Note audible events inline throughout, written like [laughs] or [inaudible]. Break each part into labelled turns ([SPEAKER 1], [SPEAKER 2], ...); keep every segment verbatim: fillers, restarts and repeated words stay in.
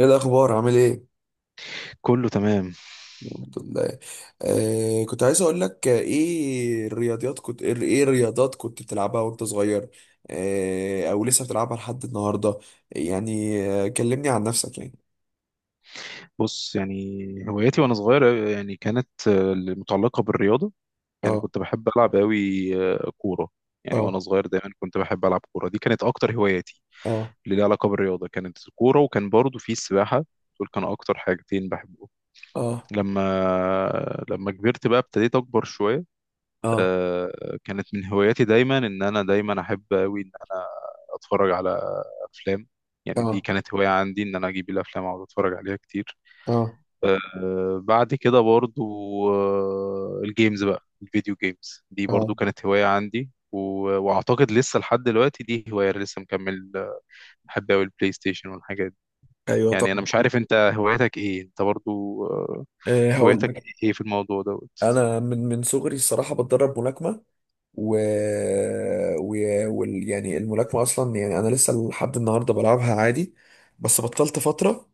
[SPEAKER 1] ايه الاخبار؟ عامل ايه؟
[SPEAKER 2] كله تمام.
[SPEAKER 1] الحمد لله. آه كنت عايز اقول لك، آه، ايه الرياضيات كنت ايه إيه الرياضات كنت بتلعبها وانت صغير؟ آه او لسه بتلعبها لحد النهارده؟ يعني آه كلمني عن نفسك يعني.
[SPEAKER 2] بص يعني، هواياتي وانا صغير أوي يعني كانت آه، متعلقه بالرياضه. يعني
[SPEAKER 1] اه.
[SPEAKER 2] كنت بحب العب قوي كوره. يعني وانا
[SPEAKER 1] اه.
[SPEAKER 2] صغير دايما كنت بحب العب كوره، دي كانت اكتر هواياتي
[SPEAKER 1] اه.
[SPEAKER 2] اللي ليها علاقه بالرياضه، كانت الكوره وكان برضو في السباحه. دول كانوا اكتر حاجتين بحبهم.
[SPEAKER 1] اه.
[SPEAKER 2] لما لما كبرت بقى ابتديت اكبر شويه.
[SPEAKER 1] اه.
[SPEAKER 2] آه، كانت من هواياتي دايما ان انا دايما احب قوي ان انا اتفرج على افلام. يعني دي
[SPEAKER 1] اه.
[SPEAKER 2] كانت هوايه عندي، ان انا اجيب الافلام واقعد اتفرج عليها كتير.
[SPEAKER 1] اه.
[SPEAKER 2] آه، بعد كده برضو، آه، الجيمز بقى، الفيديو جيمز دي
[SPEAKER 1] اه.
[SPEAKER 2] برضو كانت هواية عندي و- واعتقد لسه لحد دلوقتي دي هواية أنا لسه مكمل آه، بحب اوي البلاي ستيشن والحاجات دي.
[SPEAKER 1] ايوه
[SPEAKER 2] يعني
[SPEAKER 1] طبعا.
[SPEAKER 2] انا مش عارف انت هوايتك ايه، انت برضو آه،
[SPEAKER 1] آه هقول
[SPEAKER 2] هوايتك
[SPEAKER 1] لك.
[SPEAKER 2] ايه في الموضوع دوت؟
[SPEAKER 1] انا من من صغري الصراحه بتدرب ملاكمه و, و... وال... يعني الملاكمه اصلا، يعني انا لسه لحد النهارده بلعبها عادي، بس بطلت فتره.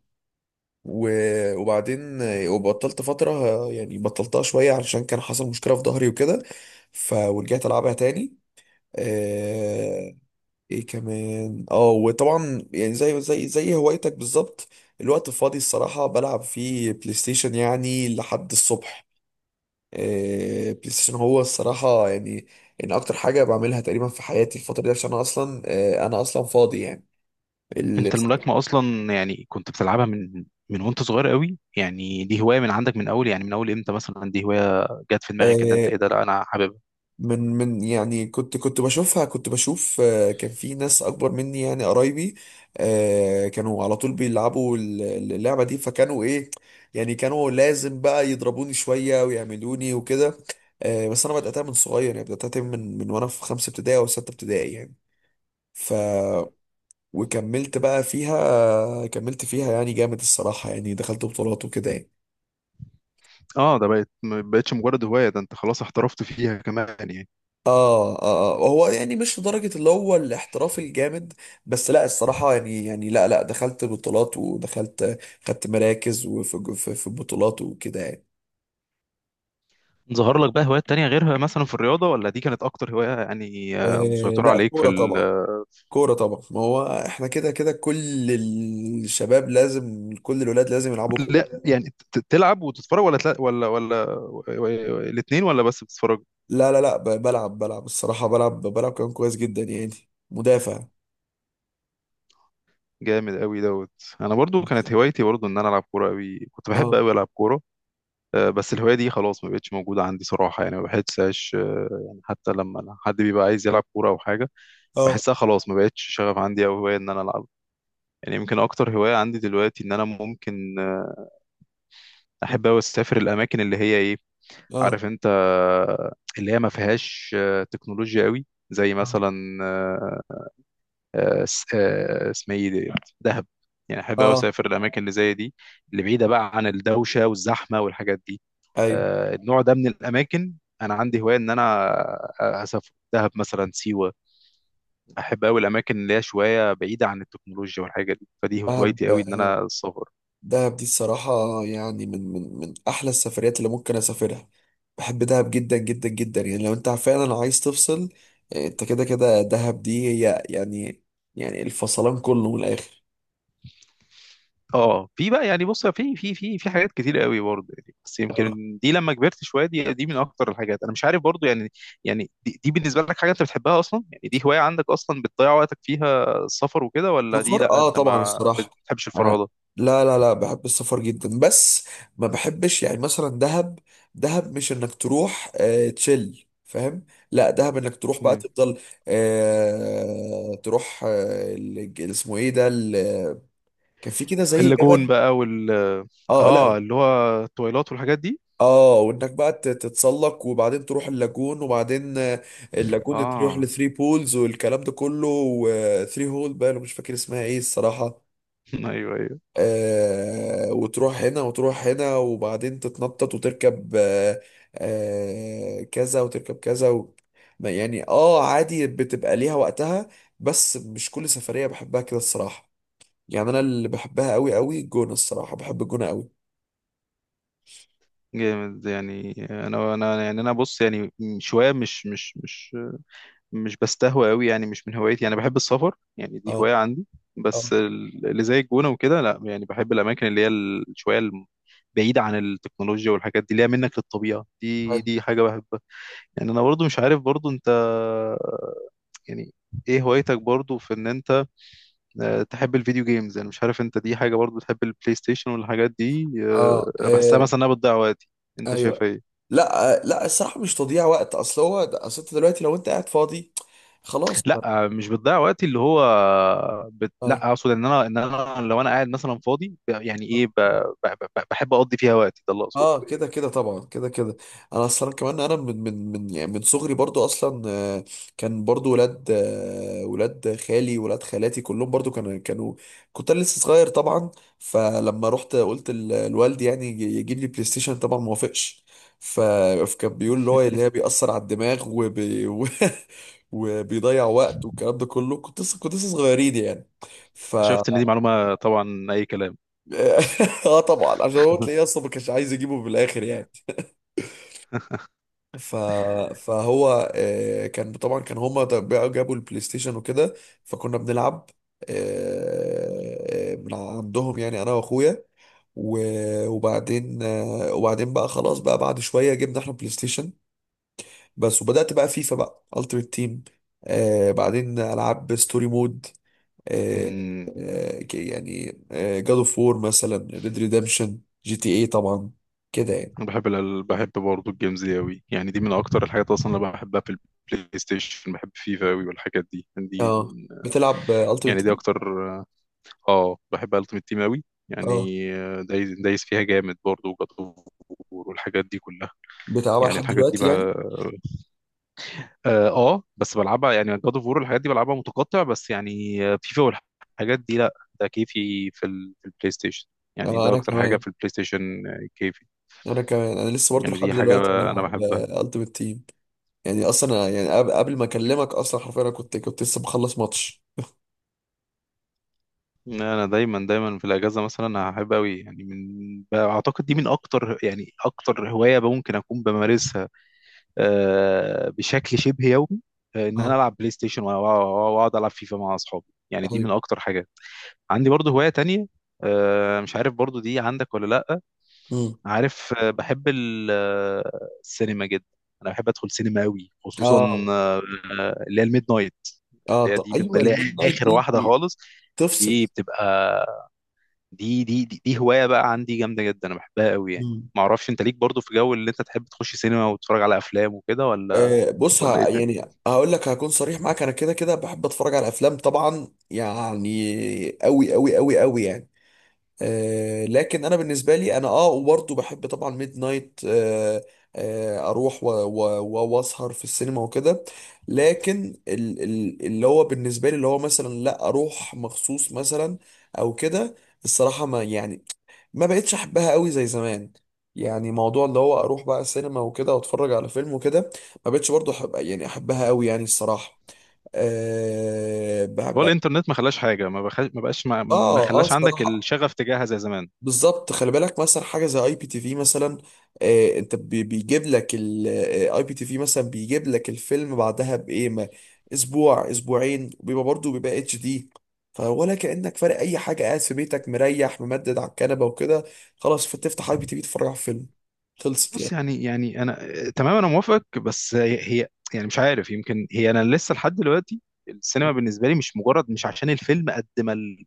[SPEAKER 1] و- وبعدين، آه، وبطلت فترة، آه، يعني بطلتها شوية علشان كان حصل مشكلة في ظهري وكده. ف ورجعت ألعبها تاني. آه، ايه كمان، اه وطبعا يعني زي زي زي هوايتك بالظبط. الوقت الفاضي، الصراحة بلعب فيه بلاي ستيشن يعني لحد الصبح. آه، بلاي ستيشن هو الصراحة يعني ان اكتر حاجة بعملها تقريبا في حياتي الفترة دي، عشان انا اصلا، آه، انا اصلا فاضي يعني. ال-
[SPEAKER 2] انت الملاكمة اصلا يعني كنت بتلعبها من من وانت صغير قوي؟ يعني دي هواية من عندك من اول، يعني من اول امتى مثلا دي هواية جت في دماغك ان انت
[SPEAKER 1] آه،
[SPEAKER 2] ايه ده، لا انا حاببها؟
[SPEAKER 1] من من يعني كنت كنت بشوفها، كنت بشوف، آه، كان في ناس اكبر مني يعني قرايبي. آه، كانوا على طول بيلعبوا ال- اللعبة دي، فكانوا ايه؟ يعني كانوا لازم بقى يضربوني شوية ويعملوني وكده. آه، بس انا بدأتها من صغير، يعني بدأتها من من وانا في خمسة ابتدائي او ستة ابتدائي يعني. ف وكملت بقى فيها، كملت فيها يعني جامد الصراحة، يعني دخلت بطولات وكده يعني.
[SPEAKER 2] اه، ده بقت ما بقتش مجرد هواية، ده انت خلاص احترفت فيها كمان يعني.
[SPEAKER 1] آه, اه اه هو يعني مش لدرجة اللي هو الاحتراف الجامد، بس لا، الصراحة يعني، يعني لا لا، دخلت بطولات ودخلت، خدت مراكز، وفي في, في بطولات وكده يعني.
[SPEAKER 2] ظهر لك بقى هوايات تانية غيرها مثلا في الرياضة، ولا دي كانت أكتر هواية يعني آه،
[SPEAKER 1] آه
[SPEAKER 2] مسيطرة
[SPEAKER 1] لا،
[SPEAKER 2] عليك في
[SPEAKER 1] كورة
[SPEAKER 2] ال...؟
[SPEAKER 1] طبعا. كورة طبعا، ما هو احنا كده كده كل الشباب لازم، كل الولاد لازم يلعبوا كورة.
[SPEAKER 2] لا يعني، ت- تلعب وتتفرج، ولا تلا... ولا ولا و- و- الاتنين، ولا بس بتتفرج؟
[SPEAKER 1] لا لا لا، ب- بلعب، بلعب الصراحة بلعب، بلعب كمان كويس جدا يعني. مدافع.
[SPEAKER 2] جامد قوي دوت. أنا برضو كانت هوايتي برضو إن أنا ألعب كورة قوي، كنت بحب
[SPEAKER 1] اه.
[SPEAKER 2] قوي ألعب كورة. آه، بس الهواية دي خلاص ما بقتش موجودة عندي صراحة، يعني ما بحسهاش آه، يعني حتى لما أنا- حد بيبقى عايز يلعب كورة أو حاجة،
[SPEAKER 1] اه.
[SPEAKER 2] بحسها خلاص ما بقتش شغف عندي أو هواية إن أنا ألعب. يعني يمكن أكتر هواية عندي دلوقتي إن أنا ممكن آه، أحب أوي أسافر الأماكن اللي هي إيه،
[SPEAKER 1] اه.
[SPEAKER 2] عارف انت، اللي هي ما فيهاش آه، تكنولوجيا قوي، زي مثلا آه، آه، س- آه، اسمها ايه دي؟ دهب. يعني احب قوي
[SPEAKER 1] اه.
[SPEAKER 2] اسافر الاماكن اللي زي دي، اللي بعيده بقى عن الدوشه والزحمه والحاجات دي،
[SPEAKER 1] ايوه
[SPEAKER 2] آه، النوع ده من الاماكن. انا عندي هوايه ان انا اسافر دهب مثلا، سيوه. احب قوي الاماكن اللي هي شويه بعيده عن التكنولوجيا والحاجه دي، فدي
[SPEAKER 1] بلعب.
[SPEAKER 2] هوايتي قوي ان انا السفر.
[SPEAKER 1] دهب دي الصراحة يعني من من من أحلى السفريات اللي ممكن أسافرها. بحب دهب جدا جدا جدا يعني، لو أنت فعلا عايز تفصل، آه، أنت كده كده دهب دي هي يعني. يعني الفصلان كله من الآخر.
[SPEAKER 2] اه، في بقى يعني، بص، في في في في حاجات كتير قوي برضه يعني، بس
[SPEAKER 1] اه،
[SPEAKER 2] يمكن دي لما كبرت شويه، دي دي من اكتر الحاجات، انا مش عارف برضه يعني. يعني دي, دي بالنسبه لك حاجه انت بتحبها اصلا يعني؟ دي هوايه عندك اصلا بتضيع وقتك فيها، السفر وكده، ولا دي
[SPEAKER 1] سفر،
[SPEAKER 2] لا
[SPEAKER 1] اه
[SPEAKER 2] انت
[SPEAKER 1] طبعا
[SPEAKER 2] ما
[SPEAKER 1] الصراحة
[SPEAKER 2] بتحبش
[SPEAKER 1] انا.
[SPEAKER 2] الفرهده؟
[SPEAKER 1] لا لا لا، بحب السفر جدا، بس ما بحبش يعني مثلا دهب. دهب مش انك تروح آه تشيل، فاهم؟ لا، دهب انك تروح بقى
[SPEAKER 2] مم.
[SPEAKER 1] تفضل، آه تروح، آه ال- اسمه ايه ده، كان في كده زي
[SPEAKER 2] اللاجون
[SPEAKER 1] جبل.
[SPEAKER 2] بقى وال،
[SPEAKER 1] اه، لا.
[SPEAKER 2] اه اللي هو التويلات والحاجات دي؟
[SPEAKER 1] اه، وانك بقى تت- تتسلق، وبعدين تروح اللاجون، وبعدين، آه، اللاجون تروح
[SPEAKER 2] اه.
[SPEAKER 1] لثري بولز والكلام ده كله، وثري هول بقى، أنا مش فاكر اسمها ايه الصراحة.
[SPEAKER 2] [laughs] ايوه ايوه.
[SPEAKER 1] آه وتروح هنا وتروح هنا، وبعدين تتنطط وتركب، آه آه كذا وتركب كذا و... ما- يعني، اه، عادي بتبقى ليها وقتها، بس مش كل سفرية بحبها كده الصراحة. يعني انا اللي بحبها قوي قوي الجونة، الصراحة بحب الجونة قوي.
[SPEAKER 2] جامد. يعني انا انا يعني انا، بص يعني، شويه مش مش مش مش بستهوى قوي يعني، مش من هوايتي. يعني بحب السفر، يعني دي هواية
[SPEAKER 1] اه.
[SPEAKER 2] عندي، بس
[SPEAKER 1] اه.
[SPEAKER 2] ال- اللي زي الجونة وكده لا. يعني بحب الأماكن اللي هي ال- شوية الم- بعيدة عن التكنولوجيا والحاجات دي، اللي هي منك للطبيعة، دي دي حاجة بحبها. يعني أنا برضو مش عارف برضو أنت، يعني إيه هوايتك برضو في إن أنت آه، تحب الفيديو جيمز؟ يعني مش عارف أنت دي حاجة برضو تحب البلاي ستيشن والحاجات دي؟ آه،
[SPEAKER 1] اه.
[SPEAKER 2] أنا بحسها
[SPEAKER 1] آه،
[SPEAKER 2] مثلا إنها بتضيع وقتي، أنت شايف
[SPEAKER 1] ايوه.
[SPEAKER 2] إيه؟
[SPEAKER 1] لا، آه، لا، الصراحه مش تضييع وقت، اصل هو ده- اصل انت دلوقتي لو انت قاعد فاضي، خلاص بقى.
[SPEAKER 2] لا مش بتضيع وقتي اللي هو بت...
[SPEAKER 1] اه.
[SPEAKER 2] لا اقصد ان انا، ان انا لو انا قاعد مثلا فاضي يعني
[SPEAKER 1] آه.
[SPEAKER 2] ايه، ب... ب... ب... بحب اقضي فيها وقتي، ده اللي اقصده.
[SPEAKER 1] اه كده كده طبعا، كده كده انا اصلا كمان انا من من من يعني من صغري برضو اصلا، آه، كان برضو ولاد، آه، ولاد خالي، ولاد خالاتي كلهم برضو كانوا كانوا، كنت أنا لسه صغير طبعا. فلما رحت قلت ل- لوالدي يعني يجي- يجيب لي بلاي ستيشن، طبعا ما وافقش. ف- فكان بيقول اللي هو اللي هي بيأثر على الدماغ وبي [laughs] و- وبيضيع وقت، والكلام ده كله، كنت لسه كنت لسه صغيرين يعني. ف
[SPEAKER 2] اكتشفت ان دي معلومه طبعا اي كلام.
[SPEAKER 1] [laughs] اه طبعا، عشان هو
[SPEAKER 2] [laughs]
[SPEAKER 1] تلاقيه اصلا ما كانش عايز يجيبه بالاخر يعني. ف... فهو، آه، كان طبعا، كان هما ده- بقى جابوا البلاي ستيشن وكده، فكنا بنلعب، آه، آه، من عندهم، يعني انا واخويا. و- وبعدين، آه، وبعدين بقى خلاص بقى، بعد شويه جبنا احنا بلاي ستيشن بس، وبدات بقى فيفا، بقى التيمت تيم. بعدين العاب ستوري مود، آه،
[SPEAKER 2] امم
[SPEAKER 1] آه، ك- يعني جاد اوف وور مثلا، ريد ريدمشن، جي تي اي طبعا، كده يعني.
[SPEAKER 2] أنا بحب ال... بحب برضه الجيمز دي قوي، يعني دي من اكتر الحاجات اصلا اللي بحبها في البلاي ستيشن. بحب فيفا قوي والحاجات دي، يعني دي
[SPEAKER 1] اه
[SPEAKER 2] من...
[SPEAKER 1] بتلعب
[SPEAKER 2] يعني
[SPEAKER 1] التيمت
[SPEAKER 2] دي اكتر. اه بحب التيمت تيم قوي. يعني
[SPEAKER 1] تيم؟
[SPEAKER 2] آه، دايس دايس فيها جامد برضه، وجات والحاجات دي كلها،
[SPEAKER 1] بتلعبها
[SPEAKER 2] يعني
[SPEAKER 1] لحد
[SPEAKER 2] الحاجات دي
[SPEAKER 1] دلوقتي يعني؟
[SPEAKER 2] بقى. اه آه، بس بلعبها يعني، جاد اوف وور الحاجات دي بلعبها متقطع بس، يعني فيفا والحاجات دي لا، ده كيفي في ال- في البلاي ستيشن. يعني
[SPEAKER 1] اه
[SPEAKER 2] ده
[SPEAKER 1] انا
[SPEAKER 2] اكتر حاجه
[SPEAKER 1] كمان،
[SPEAKER 2] في البلاي ستيشن آه، كيفي.
[SPEAKER 1] انا كمان، انا لسه برضه
[SPEAKER 2] يعني
[SPEAKER 1] لحد
[SPEAKER 2] دي حاجه
[SPEAKER 1] دلوقتي
[SPEAKER 2] انا
[SPEAKER 1] بلعب
[SPEAKER 2] بحبها.
[SPEAKER 1] التيمت تيم. يعني اصلا أنا- يعني قبل قبل ما اكلمك اصلا، حرفيا انا كنت كنت لسه مخلص ماتش.
[SPEAKER 2] انا دايما دايما في الاجازه مثلا هحب قوي، يعني من اعتقد دي من اكتر، يعني اكتر هوايه ممكن اكون بمارسها آه، بشكل شبه يومي، آه، ان انا
[SPEAKER 1] اه.
[SPEAKER 2] العب بلاي ستيشن وأ- وأ- واقعد العب فيفا مع اصحابي. يعني دي من
[SPEAKER 1] ايوه.
[SPEAKER 2] اكتر حاجات عندي برضو. هوايه تانية آه، مش عارف برضو دي عندك ولا لا،
[SPEAKER 1] امم.
[SPEAKER 2] عارف، آه، بحب ال- آه، السينما جدا. انا بحب ادخل سينما قوي، خصوصا
[SPEAKER 1] اه.
[SPEAKER 2] آه، آه، اللي هي الميد نايت،
[SPEAKER 1] اه.
[SPEAKER 2] اللي هي
[SPEAKER 1] طب
[SPEAKER 2] دي من
[SPEAKER 1] ايوه،
[SPEAKER 2] اللي هي
[SPEAKER 1] الميد نايت
[SPEAKER 2] اخر واحده
[SPEAKER 1] دي
[SPEAKER 2] خالص.
[SPEAKER 1] تفصل.
[SPEAKER 2] دي بتبقى، دي دي دي, دي هوايه بقى عندي جامده جدا، انا بحبها قوي يعني.
[SPEAKER 1] امم.
[SPEAKER 2] ما اعرفش انت ليك برضو في جو اللي انت تحب تخش سينما وتتفرج على افلام وكده، ولا
[SPEAKER 1] آه بص،
[SPEAKER 2] ولا ايه
[SPEAKER 1] ه...
[SPEAKER 2] الدنيا؟
[SPEAKER 1] يعني هقول لك، هكون صريح معاك، انا كده كده بحب اتفرج على افلام طبعا، يعني قوي قوي قوي قوي يعني. آه، لكن انا بالنسبه لي، انا اه وبرضه بحب طبعا ميد نايت، آه، آه، اروح و- و- و- واسهر في السينما وكده، لكن ال- ال- اللي هو بالنسبه لي، اللي هو مثلا لا اروح مخصوص مثلا او كده، الصراحه ما يعني، ما بقتش احبها قوي زي زمان. يعني موضوع اللي هو اروح بقى السينما وكده واتفرج على فيلم وكده، ما بقتش برضه احب، يعني احبها قوي يعني الصراحه. آه
[SPEAKER 2] هو
[SPEAKER 1] بحب.
[SPEAKER 2] الانترنت ما خلاش حاجه، ما بخ... ما بقاش ما, ما
[SPEAKER 1] اه اه
[SPEAKER 2] خلاش عندك
[SPEAKER 1] الصراحه
[SPEAKER 2] الشغف تجاهها زي زمان؟
[SPEAKER 1] بالظبط. خلي بالك مثلا حاجه زي اي بي تي في مثلا. آه انت بي- بيجيب لك الاي بي تي في مثلا، بيجيب لك الفيلم بعدها بايه، ما اسبوع اسبوعين، وبيبقى برضه بيبقى اتش دي، فولا كانك فارق اي حاجه، قاعد في بيتك مريح ممدد على الكنبه وكده، خلاص، فتفتح اي بي تي في تتفرج على فيلم، خلصت
[SPEAKER 2] بص
[SPEAKER 1] يعني.
[SPEAKER 2] يعني، يعني انا تمام انا موافق، بس هي، هي- يعني مش عارف، يمكن هي انا لسه لحد دلوقتي السينما بالنسبه لي مش مجرد، مش عشان الفيلم قد ما ال-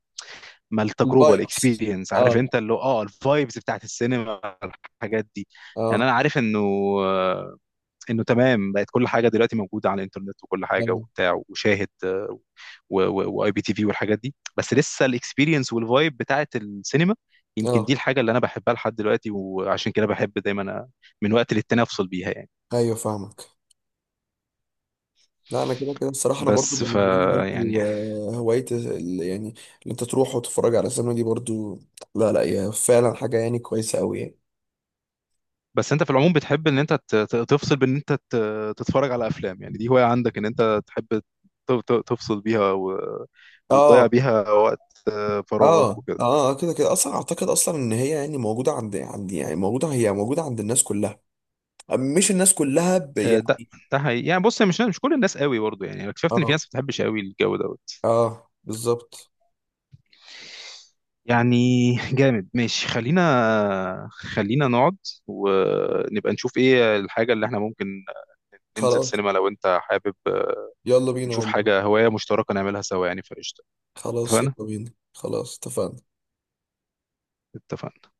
[SPEAKER 2] ما التجربه،
[SPEAKER 1] الفايبس.
[SPEAKER 2] الاكسبيرينس عارف
[SPEAKER 1] اه.
[SPEAKER 2] انت، اللي هو اه الفايبز بتاعت السينما الحاجات دي. يعني
[SPEAKER 1] اه.
[SPEAKER 2] انا عارف انه، انه تمام بقت كل حاجه دلوقتي موجوده على الانترنت وكل حاجه
[SPEAKER 1] اه.
[SPEAKER 2] وبتاع، وشاهد آه، و- و- واي بي تي في والحاجات دي، بس لسه الاكسبيرينس والفايب بتاعت السينما، يمكن دي
[SPEAKER 1] اه.
[SPEAKER 2] الحاجه اللي انا بحبها لحد دلوقتي، وعشان كده بحب دايما أ- من وقت للتاني افصل بيها يعني.
[SPEAKER 1] ايوه فاهمك. لا انا كده كده الصراحه، انا برضو
[SPEAKER 2] بس ف
[SPEAKER 1] بالنسبه لي
[SPEAKER 2] يعني،
[SPEAKER 1] برضو، آه، هوايه ال- يعني اللي انت تروح وتتفرج على سينما دي برضو، لا لا، هي فعلا حاجه يعني كويسه قوي يعني.
[SPEAKER 2] بس انت في العموم بتحب ان انت ت- ت- تفصل بان انت ت- تتفرج على افلام؟ يعني دي هوايه عندك ان انت تحب ت- ت- تفصل بيها و... وتضيع
[SPEAKER 1] اه.
[SPEAKER 2] بيها وقت آه،
[SPEAKER 1] اه.
[SPEAKER 2] فراغك وكده؟
[SPEAKER 1] اه. آه، كده كده اصلا اعتقد اصلا ان هي يعني موجوده عند عند يعني موجوده، هي موجوده عند الناس كلها، مش الناس كلها ب...
[SPEAKER 2] آه، ده
[SPEAKER 1] يعني.
[SPEAKER 2] ده حقيقي يعني، بص مش مش كل الناس قوي برضه يعني، أنا اكتشفت ان في
[SPEAKER 1] اه
[SPEAKER 2] ناس ما بتحبش قوي الجو دوت
[SPEAKER 1] اه بالظبط.
[SPEAKER 2] يعني. جامد، ماشي، خلينا خلينا نقعد ونبقى نشوف ايه الحاجة اللي احنا ممكن ننزل
[SPEAKER 1] خلاص
[SPEAKER 2] سينما لو انت حابب، آه،
[SPEAKER 1] يلا بينا
[SPEAKER 2] نشوف
[SPEAKER 1] والله.
[SPEAKER 2] حاجة هواية مشتركة نعملها سوا يعني، فقشطة.
[SPEAKER 1] خلاص
[SPEAKER 2] اتفقنا.
[SPEAKER 1] يلا بينا، خلاص اتفقنا.
[SPEAKER 2] اتفقنا.